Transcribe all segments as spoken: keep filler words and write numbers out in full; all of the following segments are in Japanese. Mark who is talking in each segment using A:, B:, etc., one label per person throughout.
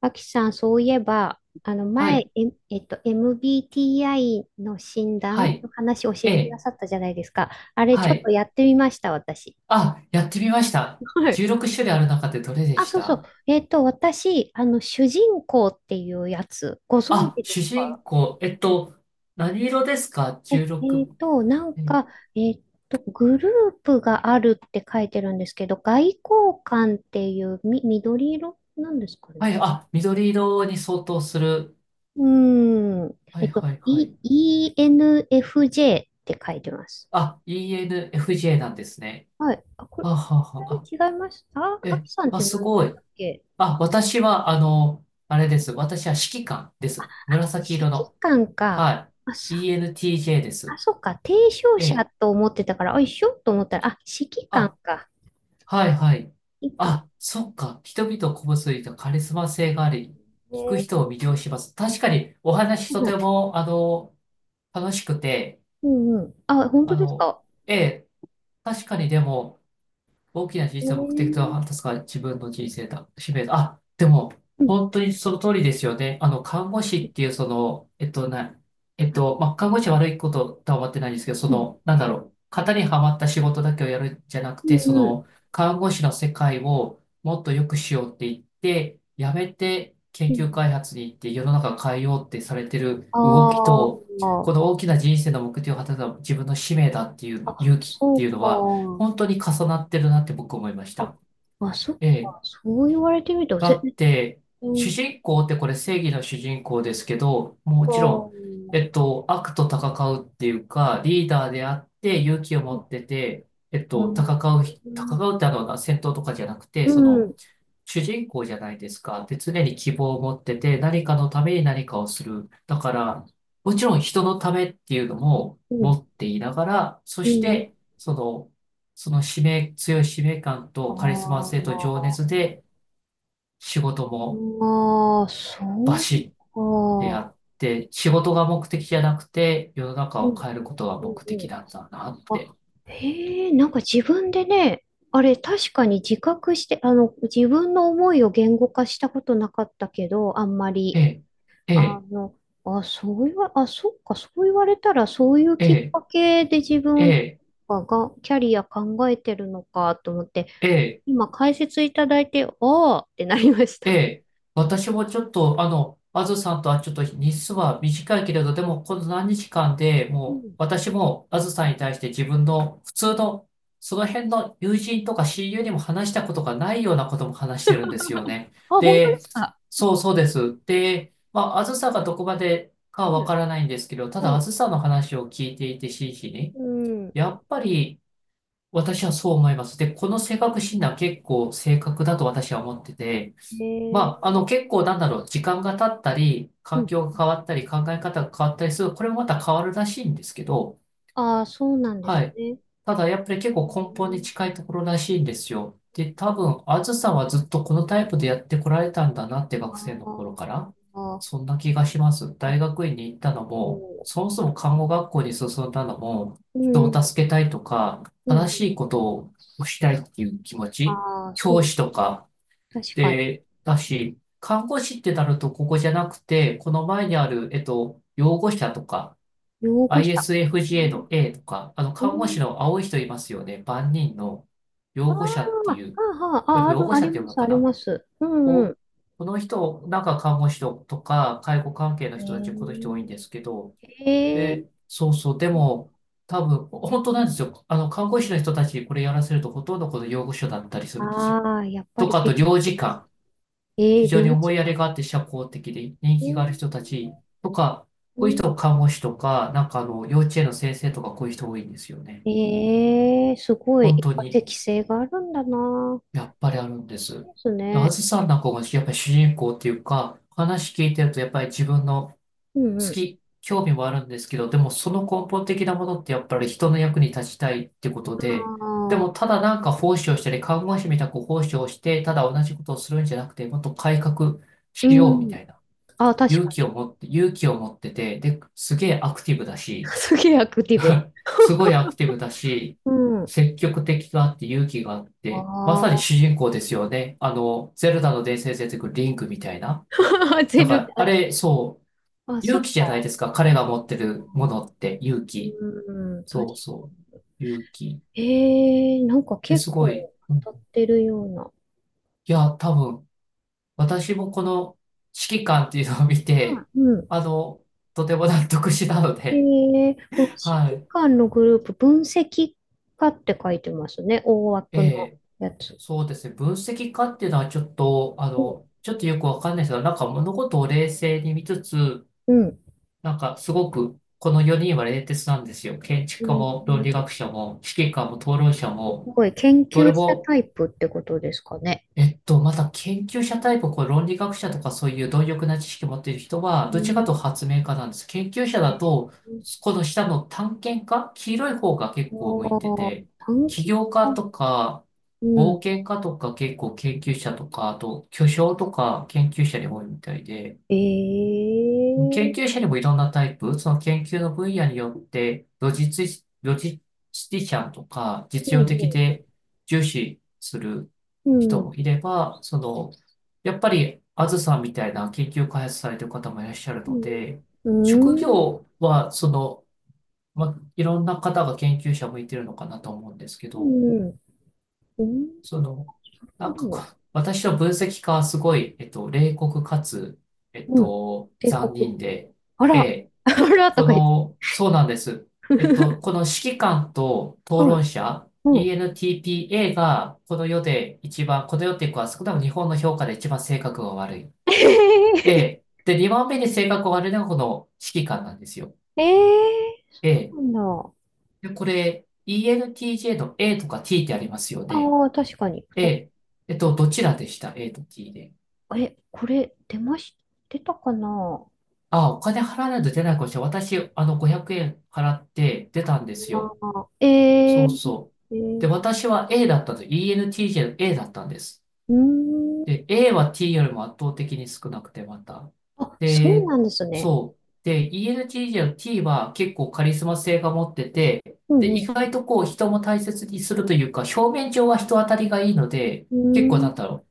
A: アキさん、そういえば、あの
B: は
A: 前、え、
B: い。
A: えっと、エムビーティーアイ の診
B: は
A: 断
B: い。
A: の話を教え
B: え
A: てくだ
B: え。
A: さったじゃないですか。あれ、ち
B: は
A: ょっと
B: い。
A: やってみました、私。
B: あ、やってみました。
A: はい。
B: じゅうろくしゅるい種類ある中でどれで
A: あ、
B: し
A: そうそう。
B: た。
A: えっと、私、あの、主人公っていうやつ、ご存
B: あ、
A: 知で
B: 主
A: すか？
B: 人公、えっと、何色ですか？
A: え、え
B: じゅうろく。
A: っと、なん
B: え
A: か、えっと、グループがあるって書いてるんですけど、外交官っていう、み、緑色なんですか
B: は
A: ね。
B: い。あ、緑色に相当する。
A: うーん。
B: は
A: え
B: い
A: っと、
B: はいはい。
A: イーエヌエフジェー って書いてます。
B: あ、イーエヌエフジェー なんですね。
A: はい。あ、これ、
B: はあはあはあ。あ
A: 違いました。あ、あ
B: え、
A: きさんっ
B: まあ、
A: て
B: す
A: 何
B: ご
A: でし
B: い。
A: たっけ？
B: あ、私は、あの、あれです。私は指揮官です。紫色
A: 指揮
B: の。
A: 官か。
B: は
A: あ、
B: い。
A: さ、
B: イーエヌティージェー で
A: あ、
B: す。
A: そっか。提唱
B: え
A: 者
B: え。
A: と思ってたから、あ、一緒と思ったら、あ、指揮官
B: あ、
A: か。
B: はいはい。
A: 指揮官。
B: あ、そっか。人々を鼓舞するとカリスマ性があり、聞く
A: ね。
B: 人を魅了します。確かにお話
A: う
B: とて
A: ん
B: も、あの、楽しくて、
A: うんうん。あ、本当
B: あ
A: です
B: の、
A: か。
B: ええ、確かにでも、大きな小
A: え
B: さな目
A: ー。
B: 的とは、確か自分の人生だ、使命だ。あ、でも、
A: うん。
B: 本当にその通りですよね。あの、看護師っていう、その、えっと、な、えっ
A: あ、
B: と、まあ、看護師は悪いこととは思ってないんですけど、そ
A: うん。
B: の、なんだろう、型にはまった仕事だけをやるんじゃなく
A: う
B: て、そ
A: んう
B: の、
A: ん。
B: 看護師の世界をもっと良くしようって言って、やめて
A: う
B: 研究
A: ん。
B: 開発に行って世の中を変えようってされてる動き
A: あ
B: と、こ
A: ー。
B: の大きな人生の目的を果たすのは自分の使命だっていう
A: あ、
B: 勇気っ
A: そ
B: てい
A: う
B: うのは、
A: か。
B: 本当に重なってるなって僕思いまし
A: あ、
B: た。
A: あ、そっ
B: え
A: か。
B: え、
A: そう言われてみると、
B: だ
A: ぜ、
B: って、
A: う
B: 主
A: ん
B: 人公ってこれ正義の主人公ですけど、もち
A: と、
B: ろん、えっと、悪と戦うっていうか、リーダーであって勇気を
A: う
B: 持
A: ん、
B: ってて、えっ
A: う
B: と、
A: ん、
B: 戦う、戦
A: うん、
B: うってあの、戦闘とかじゃなくて、その、主人公じゃないですか。で、常に希望を持ってて、何かのために何かをする。だから、もちろん人のためっていうのも
A: う
B: 持
A: ん、
B: っていながら、そ
A: う
B: し
A: ん。
B: て、その、その使命、強い使命感
A: あ
B: とカリスマ
A: あ、
B: 性と
A: ま
B: 情
A: あ
B: 熱で、仕事も
A: まあ、そ
B: バ
A: う
B: シッてや
A: か。
B: って、仕事が目的じゃなくて、世の中
A: う
B: を
A: ん、
B: 変えることが
A: うん、
B: 目
A: う
B: 的
A: ん。
B: なんだなって。
A: あ、へえ、なんか自分でね、あれ、確かに自覚して、あの、自分の思いを言語化したことなかったけど、あんま
B: え
A: り。
B: え、え
A: あ
B: え、
A: の、あ、そう言わ、あ、そっか、そう言われたら、そういう
B: え
A: きっ
B: え、
A: かけで自分
B: え
A: が、がキャリア考えてるのかと思って、
B: え、ええ
A: 今解説いただいて、ああってなりまし
B: え
A: た。
B: え、私もちょっと、あの、あずさんとはちょっと日数は短いけれど、でもこの何日間で
A: う
B: もう、
A: ん。
B: 私もあずさんに対して自分の普通の、その辺の友人とか親友にも話したことがないようなことも話してるんですよね。
A: あ、本当で
B: で、
A: すか。
B: そうそうです。で、まあ、あずさんがどこまでか
A: は
B: はわか
A: い、
B: らないんですけど、ただ
A: は
B: あ
A: い。
B: ずさんの話を聞いていて真摯に、
A: うん。
B: やっぱり私はそう思います。で、この性格診断結構正確だと私は思ってて、
A: へ
B: まあ、あ
A: え。
B: の、結構なんだろう、時間が経ったり、
A: う
B: 環
A: ん。
B: 境が変わったり、考え方が変わったりする、これもまた変わるらしいんですけど、
A: ああ、そうなんで
B: は
A: す
B: い。
A: ね。
B: ただ、やっぱり結
A: う
B: 構根本に
A: ん。
B: 近いところらしいんですよ。で、多分、あずさんはずっとこのタイプでやってこられたんだなって学生の頃
A: あ
B: から、
A: あ、
B: そんな気がします。
A: ああ、
B: 大学院に行ったのも、
A: そ
B: そもそも看護学校に進んだのも、
A: う。う
B: 人を
A: ん。
B: 助けたいとか、
A: う
B: 正
A: ん。
B: しいことをしたいっていう気持ち、
A: ああ、そ
B: 教
A: う。
B: 師とか、
A: 確かに。
B: で、だし、看護師ってなるとここじゃなくて、この前にある、えっと、養護者とか、
A: 擁護者。
B: i s f
A: う
B: a
A: ん。
B: の A とか、あの、
A: う
B: 看護師
A: ん。
B: の青い人いますよね。万人の
A: あー
B: 養護者って
A: は
B: い
A: あ、
B: う、
A: はあ、
B: これ
A: あ、あ
B: 養
A: る、
B: 護
A: あ
B: 者っ
A: り
B: て読
A: ま
B: む
A: す、
B: の
A: あ
B: か
A: り
B: な
A: ます。うん
B: を
A: う
B: この人、なんか看護師とか、介護関係
A: ん。
B: の人たち、この
A: え
B: 人多いんですけど、
A: ー、えー。
B: で、そうそう、でも、多分、本当なんですよ。あの、看護師の人たちにこれやらせると、ほとんどこの養護所だったりするんですよ。
A: ああ、やっぱ
B: と
A: り
B: か、あ
A: て、
B: と、
A: て
B: 領事館。
A: え
B: 非
A: ー、
B: 常
A: 領
B: に思
A: 事
B: いやり
A: 館。
B: があって社交的で人
A: え
B: 気が
A: ー、
B: ある人たちとか、
A: う
B: こういう
A: ん。
B: 人、看護師とか、なんかあの、幼稚園の先生とか、こういう人多いんですよね。
A: えー、すごい、
B: 本
A: やっ
B: 当
A: ぱ
B: に、
A: 適性があるんだな。
B: やっぱりあるんです。
A: です
B: で、あ
A: ね。
B: ずさんなんかが、やっぱり主人公っていうか、話聞いてると、やっぱり自分の
A: うんう
B: 好
A: ん。
B: き、興味もあるんですけど、でもその根本的なものって、やっぱり人の役に立ちたいってこと
A: あ
B: で、でも
A: あ、
B: ただなんか奉仕をしたり、看護師みたく奉仕をして、ただ同じことをするんじゃなくて、もっと改革
A: う
B: しようみ
A: ん。
B: たいな。
A: ああ、確
B: 勇
A: か
B: 気
A: に。
B: を持って、勇気を持ってて、で、すげえアクティブだ し、
A: すげえアクティブ。
B: すごいアクティブだし、
A: うん。
B: 積極的があって勇気があって、まさに主
A: あ
B: 人公ですよね。あの、ゼルダの伝説に出てくるリンクみたいな。
A: あ、ゼ
B: だか
A: ルダ。
B: ら、あれ、そう、
A: あ、そ
B: 勇
A: っ
B: 気じゃない
A: か。
B: ですか。彼が持ってるものって勇気。
A: うん、確
B: そう
A: か
B: そ
A: に。
B: う。勇気。
A: ええ、なんか
B: で、
A: 結
B: すごい。
A: 構
B: うん、
A: 当たってるような。
B: いや、多分、私もこの指揮官っていうのを見
A: あ、
B: て、
A: うん。
B: あの、とても納得したの
A: え
B: で、
A: え、この
B: は
A: 指揮
B: い。
A: 官のグループ、分析家って書いてますね。大
B: え
A: 枠の
B: え、
A: やつ。
B: そうですね。分析家っていうのはちょっと、あ
A: うん。
B: の、ちょっとよくわかんないですけど、なんか物事を冷静に見つつ、
A: うん。
B: なんかすごく、このよにんは冷徹なんですよ。建築
A: う
B: 家
A: ん。
B: も論理学者も、指揮官も討論者
A: す
B: も、
A: ごい、研
B: どれ
A: 究者
B: も。
A: タイプってことですかね。
B: えっと、また研究者タイプ、こう論理学者とかそういう貪欲な知識を持っている人は、
A: う
B: どっちかという
A: ん。
B: と発明家なんです。研究者だと、この下の探検家、黄色い方が結構向
A: あ
B: いて
A: あ、
B: て、
A: 探
B: 起
A: 検
B: 業家
A: 家。
B: とか、
A: う
B: 冒
A: ん。
B: 険家とか結構研究者とか、あと巨匠とか研究者に多いみたいで、
A: え
B: 研究
A: え、
B: 者にもいろんなタイプ、その研究の分野によって、ロジスティ、ロジスティシャンとか、
A: う
B: 実用的
A: ん。
B: で重視する
A: う
B: 人
A: ん。
B: もいれば、その、やっぱり、あずさんみたいな研究開発されてる方もいらっしゃるので、
A: う
B: 職
A: ん。うん。
B: 業は、その、ま、いろんな方が研究者向いてるのかなと思うんですけ
A: う
B: ど、
A: ん。うん。う
B: そ
A: ん。
B: の、
A: な
B: なん
A: るほ
B: かこ
A: ど。
B: う、私の分析家はすごい、えっと、冷酷かつ、えっ
A: うん。
B: と、
A: 帝
B: 残
A: 国。
B: 忍で、
A: あ
B: え
A: ら、
B: え、
A: あらと
B: こ
A: か言って。
B: の、そうなんです。えっと、この 指揮官と討
A: う
B: 論
A: ん、
B: 者、
A: うん。
B: イーエヌティーピーエー がこの世で一番、この世っていうか、少なくとも日本の評価で一番性格が悪い。
A: え
B: で、で、にばんめに性格が悪いのがこの指揮官なんですよ。
A: ー、えー、
B: え
A: な
B: え。
A: んだ。
B: でこれ、イーエヌティージェー の A とか ティー ってありますよね。
A: ああ、確かに。ふ
B: え
A: た、
B: ええっと、どちらでした？ A と ティー で。
A: え、これ、出まし、出たかな？
B: あ、お金払わないと出ないかもしれない。私、あの、ごひゃくえん払って出たんです
A: あ
B: よ。
A: ー、え
B: そう
A: ー、
B: そう。
A: え
B: で、
A: ー、
B: 私は A だったんです。イーエヌティージェー の A だったんです。
A: うーん。
B: で、A は T よりも圧倒的に少なくて、また。
A: あ、そう
B: で、
A: なんですね。
B: そう。で、イーエヌティージェー の T は結構カリスマ性が持ってて、
A: う
B: で、
A: ん
B: 意
A: う
B: 外とこう人も大切にするというか、表面上は人当たりがいいので、
A: ん。
B: 結構なんだろう、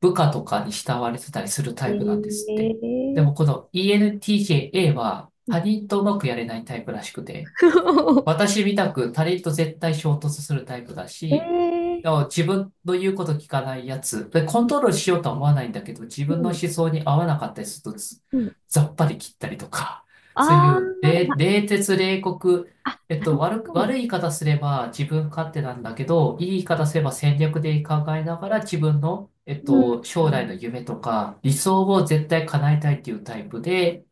B: 部下とかに慕われてたりする
A: うー
B: タイプなんで
A: ん。
B: す
A: え
B: って。でもこ
A: ー、
B: の エヌティージェー A は
A: う
B: 他
A: ん。
B: 人とうまくやれないタイプらしくて、私みたく他人と絶対衝突するタイプだ
A: え
B: し、
A: ー、
B: でも自分の言うこと聞かないやつ、で、コン
A: う
B: トロールしようとは思わないんだけど、自分の
A: ん、
B: 思想に合わなかったりすると、つ
A: うん。うん。
B: ざっぱり切ったりとか、
A: あ
B: そういう、
A: ー、な、
B: 冷、冷徹冷酷、
A: あ、
B: えっ
A: な
B: と、
A: る
B: 悪
A: ほ
B: く、悪
A: ど。
B: い言い方すれば自分勝手なんだけど、いい言い方すれば戦略で考えながら自分の、えっと、将
A: う
B: 来の
A: ん。
B: 夢とか理想を絶対叶えたいっていうタイプで、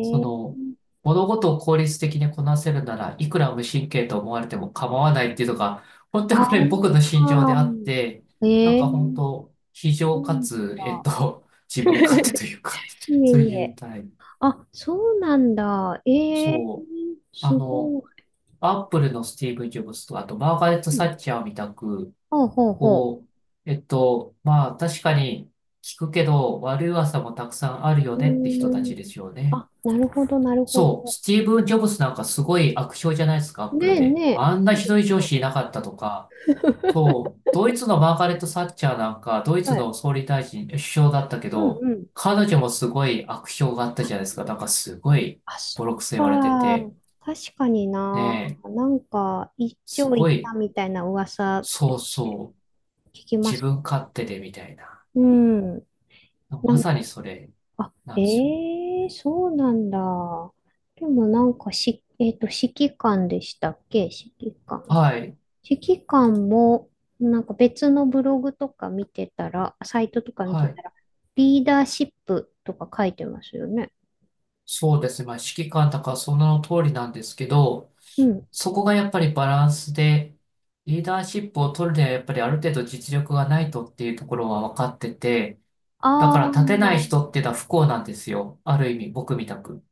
B: そ
A: え。
B: の、物事を効率的にこなせるなら、いくら無神経と思われても構わないっていうのが、本当
A: あ
B: にこれ僕の心情
A: あ
B: であって、
A: ー、
B: なん
A: ええ、
B: か本当、非
A: そ
B: 情
A: う
B: か
A: なん
B: つ、えっ
A: だ。
B: と、自分勝手 というか、
A: いえ、
B: そう
A: い
B: いう
A: え。
B: タイプ。
A: あ、そうなんだ。ええ、
B: そう。あ
A: す
B: の、
A: ご
B: アップルのスティーブ・ジョブズと、あと、マーガレット・
A: い。うん。
B: サッチャーみたく、
A: ほうほうほ
B: こう、えっと、まあ、確かに聞くけど、悪い噂もたくさんある
A: う。
B: よ
A: う
B: ねって人た
A: ー
B: ち
A: ん。
B: ですよね。
A: あ、なるほど、なるほ
B: そう、
A: ど。
B: スティーブン・ジョブズなんかすごい悪評じゃないですか、アッ
A: ね
B: プル
A: え
B: で。
A: ねえ。
B: あんな
A: そう
B: ひ
A: です。
B: どい上司いなかったとか。そう、ドイツのマーガレット・サッチャーなんか、ドイツ
A: はい。
B: の総理大臣、首相だったけ
A: うん
B: ど、
A: うん。
B: 彼女もすごい悪評があったじゃないですか。なんかすごい
A: あ、そ
B: ボロ
A: っ
B: クソ言われて
A: か。
B: て。
A: 確かに
B: ね
A: な。
B: え、
A: なんか、一
B: す
A: 丁行
B: ご
A: った
B: い、
A: みたいな噂っ
B: そ
A: て
B: うそう、
A: 聞きま
B: 自
A: す。
B: 分勝手でみたいな。
A: うん。な
B: ま
A: ん
B: さにそれ
A: あ、
B: なんですよね。
A: ええ、そうなんだ。でもなんかし、えっと、指揮官でしたっけ、指揮官。
B: はい、
A: 指揮官も、なんか別のブログとか見てたら、サイトとか見
B: は
A: て
B: い。
A: たら、リーダーシップとか書いてますよね。
B: そうですね。まあ、指揮官とかその通りなんですけど、
A: うん。
B: そこがやっぱりバランスで、リーダーシップを取るにはやっぱりある程度実力がないとっていうところは分かってて、だ
A: あ
B: から立てない
A: あ、
B: 人っていうのは不幸なんですよ。ある意味、僕みたく。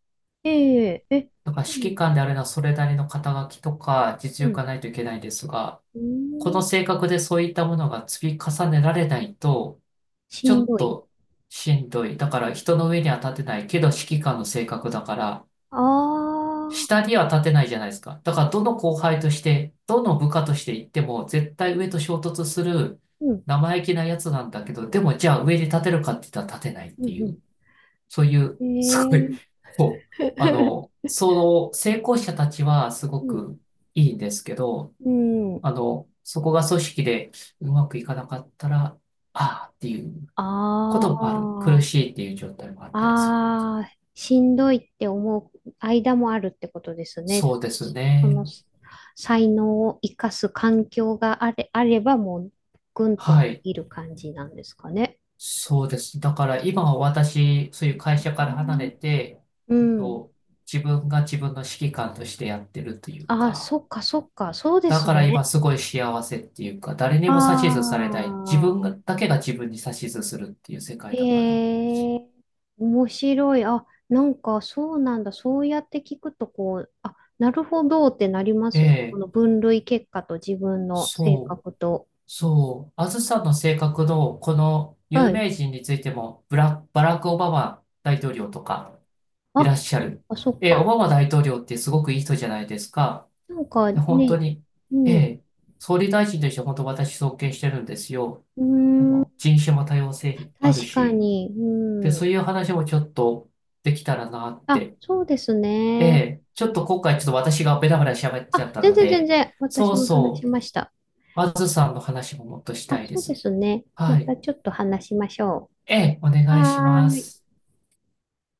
A: えええ、
B: だから
A: う
B: 指揮
A: ん、
B: 官であるのはそれなりの肩書きとか実
A: う
B: 力
A: ん、
B: がないといけないですが、
A: うー
B: この
A: ん、
B: 性格でそういったものが積み重ねられないと、
A: し
B: ちょ
A: ん
B: っ
A: どい。
B: としんどい。だから人の上には立てないけど指揮官の性格だから、
A: ああ、
B: 下には立てないじゃないですか。だから、どの後輩として、どの部下として行っても、絶対上と衝突する
A: うん、
B: 生意気なやつなんだけど、でも、じゃあ上に立てるかって言ったら立てないっ
A: う
B: てい
A: ん、
B: う、そういう、
A: う
B: すごい、
A: ん、
B: こう、
A: え
B: あの、
A: え。
B: その成功者たちはすご
A: うん、
B: くいいんですけど、
A: うん、
B: あの、そこが組織でうまくいかなかったら、ああっていう
A: あ
B: こともある。苦
A: あ。
B: しいっていう状態もあったりする。
A: ああ、しんどいって思う間もあるってことですね。
B: そうです
A: その
B: ね。
A: 才能を生かす環境があれ、あればもうぐんと伸
B: はい。
A: びる感じなんですかね。
B: そうです。だから今は私、そういう会社から離れて、
A: う
B: えっ
A: ん。
B: と、自分が自分の指揮官としてやってるという
A: ああ、そ
B: か、
A: っかそっか、そうで
B: だ
A: す
B: から今
A: ね。
B: すごい幸せっていうか、誰にも指図されない、自
A: ああ、
B: 分がだけが自分に指図するっていう世界だから。
A: へえ、面白い。あ、なんかそうなんだ。そうやって聞くと、こう、あ、なるほどってなりま
B: え
A: すね。こ
B: え、
A: の分類結果と自分の性
B: そう、
A: 格と。
B: そう。あずさんの性格のこの有
A: はい。
B: 名人についても、ブラ、バラク・オバマ大統領とかいら
A: あ、
B: っしゃる。
A: あ、そっ
B: ええ、オ
A: か。
B: バマ大統領ってすごくいい人じゃないですか。
A: なんか
B: で、本当
A: ね、
B: に、
A: う
B: え
A: ん。
B: え、総理大臣として本当私尊敬してるんですよ。
A: うー
B: あの、
A: ん、
B: 人種も多様性ある
A: 確か
B: し、
A: に。
B: で、
A: うん。
B: そういう話もちょっとできたらなっ
A: あ、
B: て。
A: そうです
B: え
A: ね。
B: え、ちょっと今回ちょっと私がベラベラ喋っちゃっ
A: あ、
B: た
A: 全
B: の
A: 然全
B: で、
A: 然。
B: そ
A: 私
B: う
A: も話し
B: そう、
A: ました。
B: まずさんの話ももっとし
A: あ、
B: たいで
A: そうで
B: す。
A: すね。ま
B: はい。
A: たちょっと話しましょ
B: ええ、お
A: う。
B: 願いし
A: は
B: ま
A: ーい。
B: す。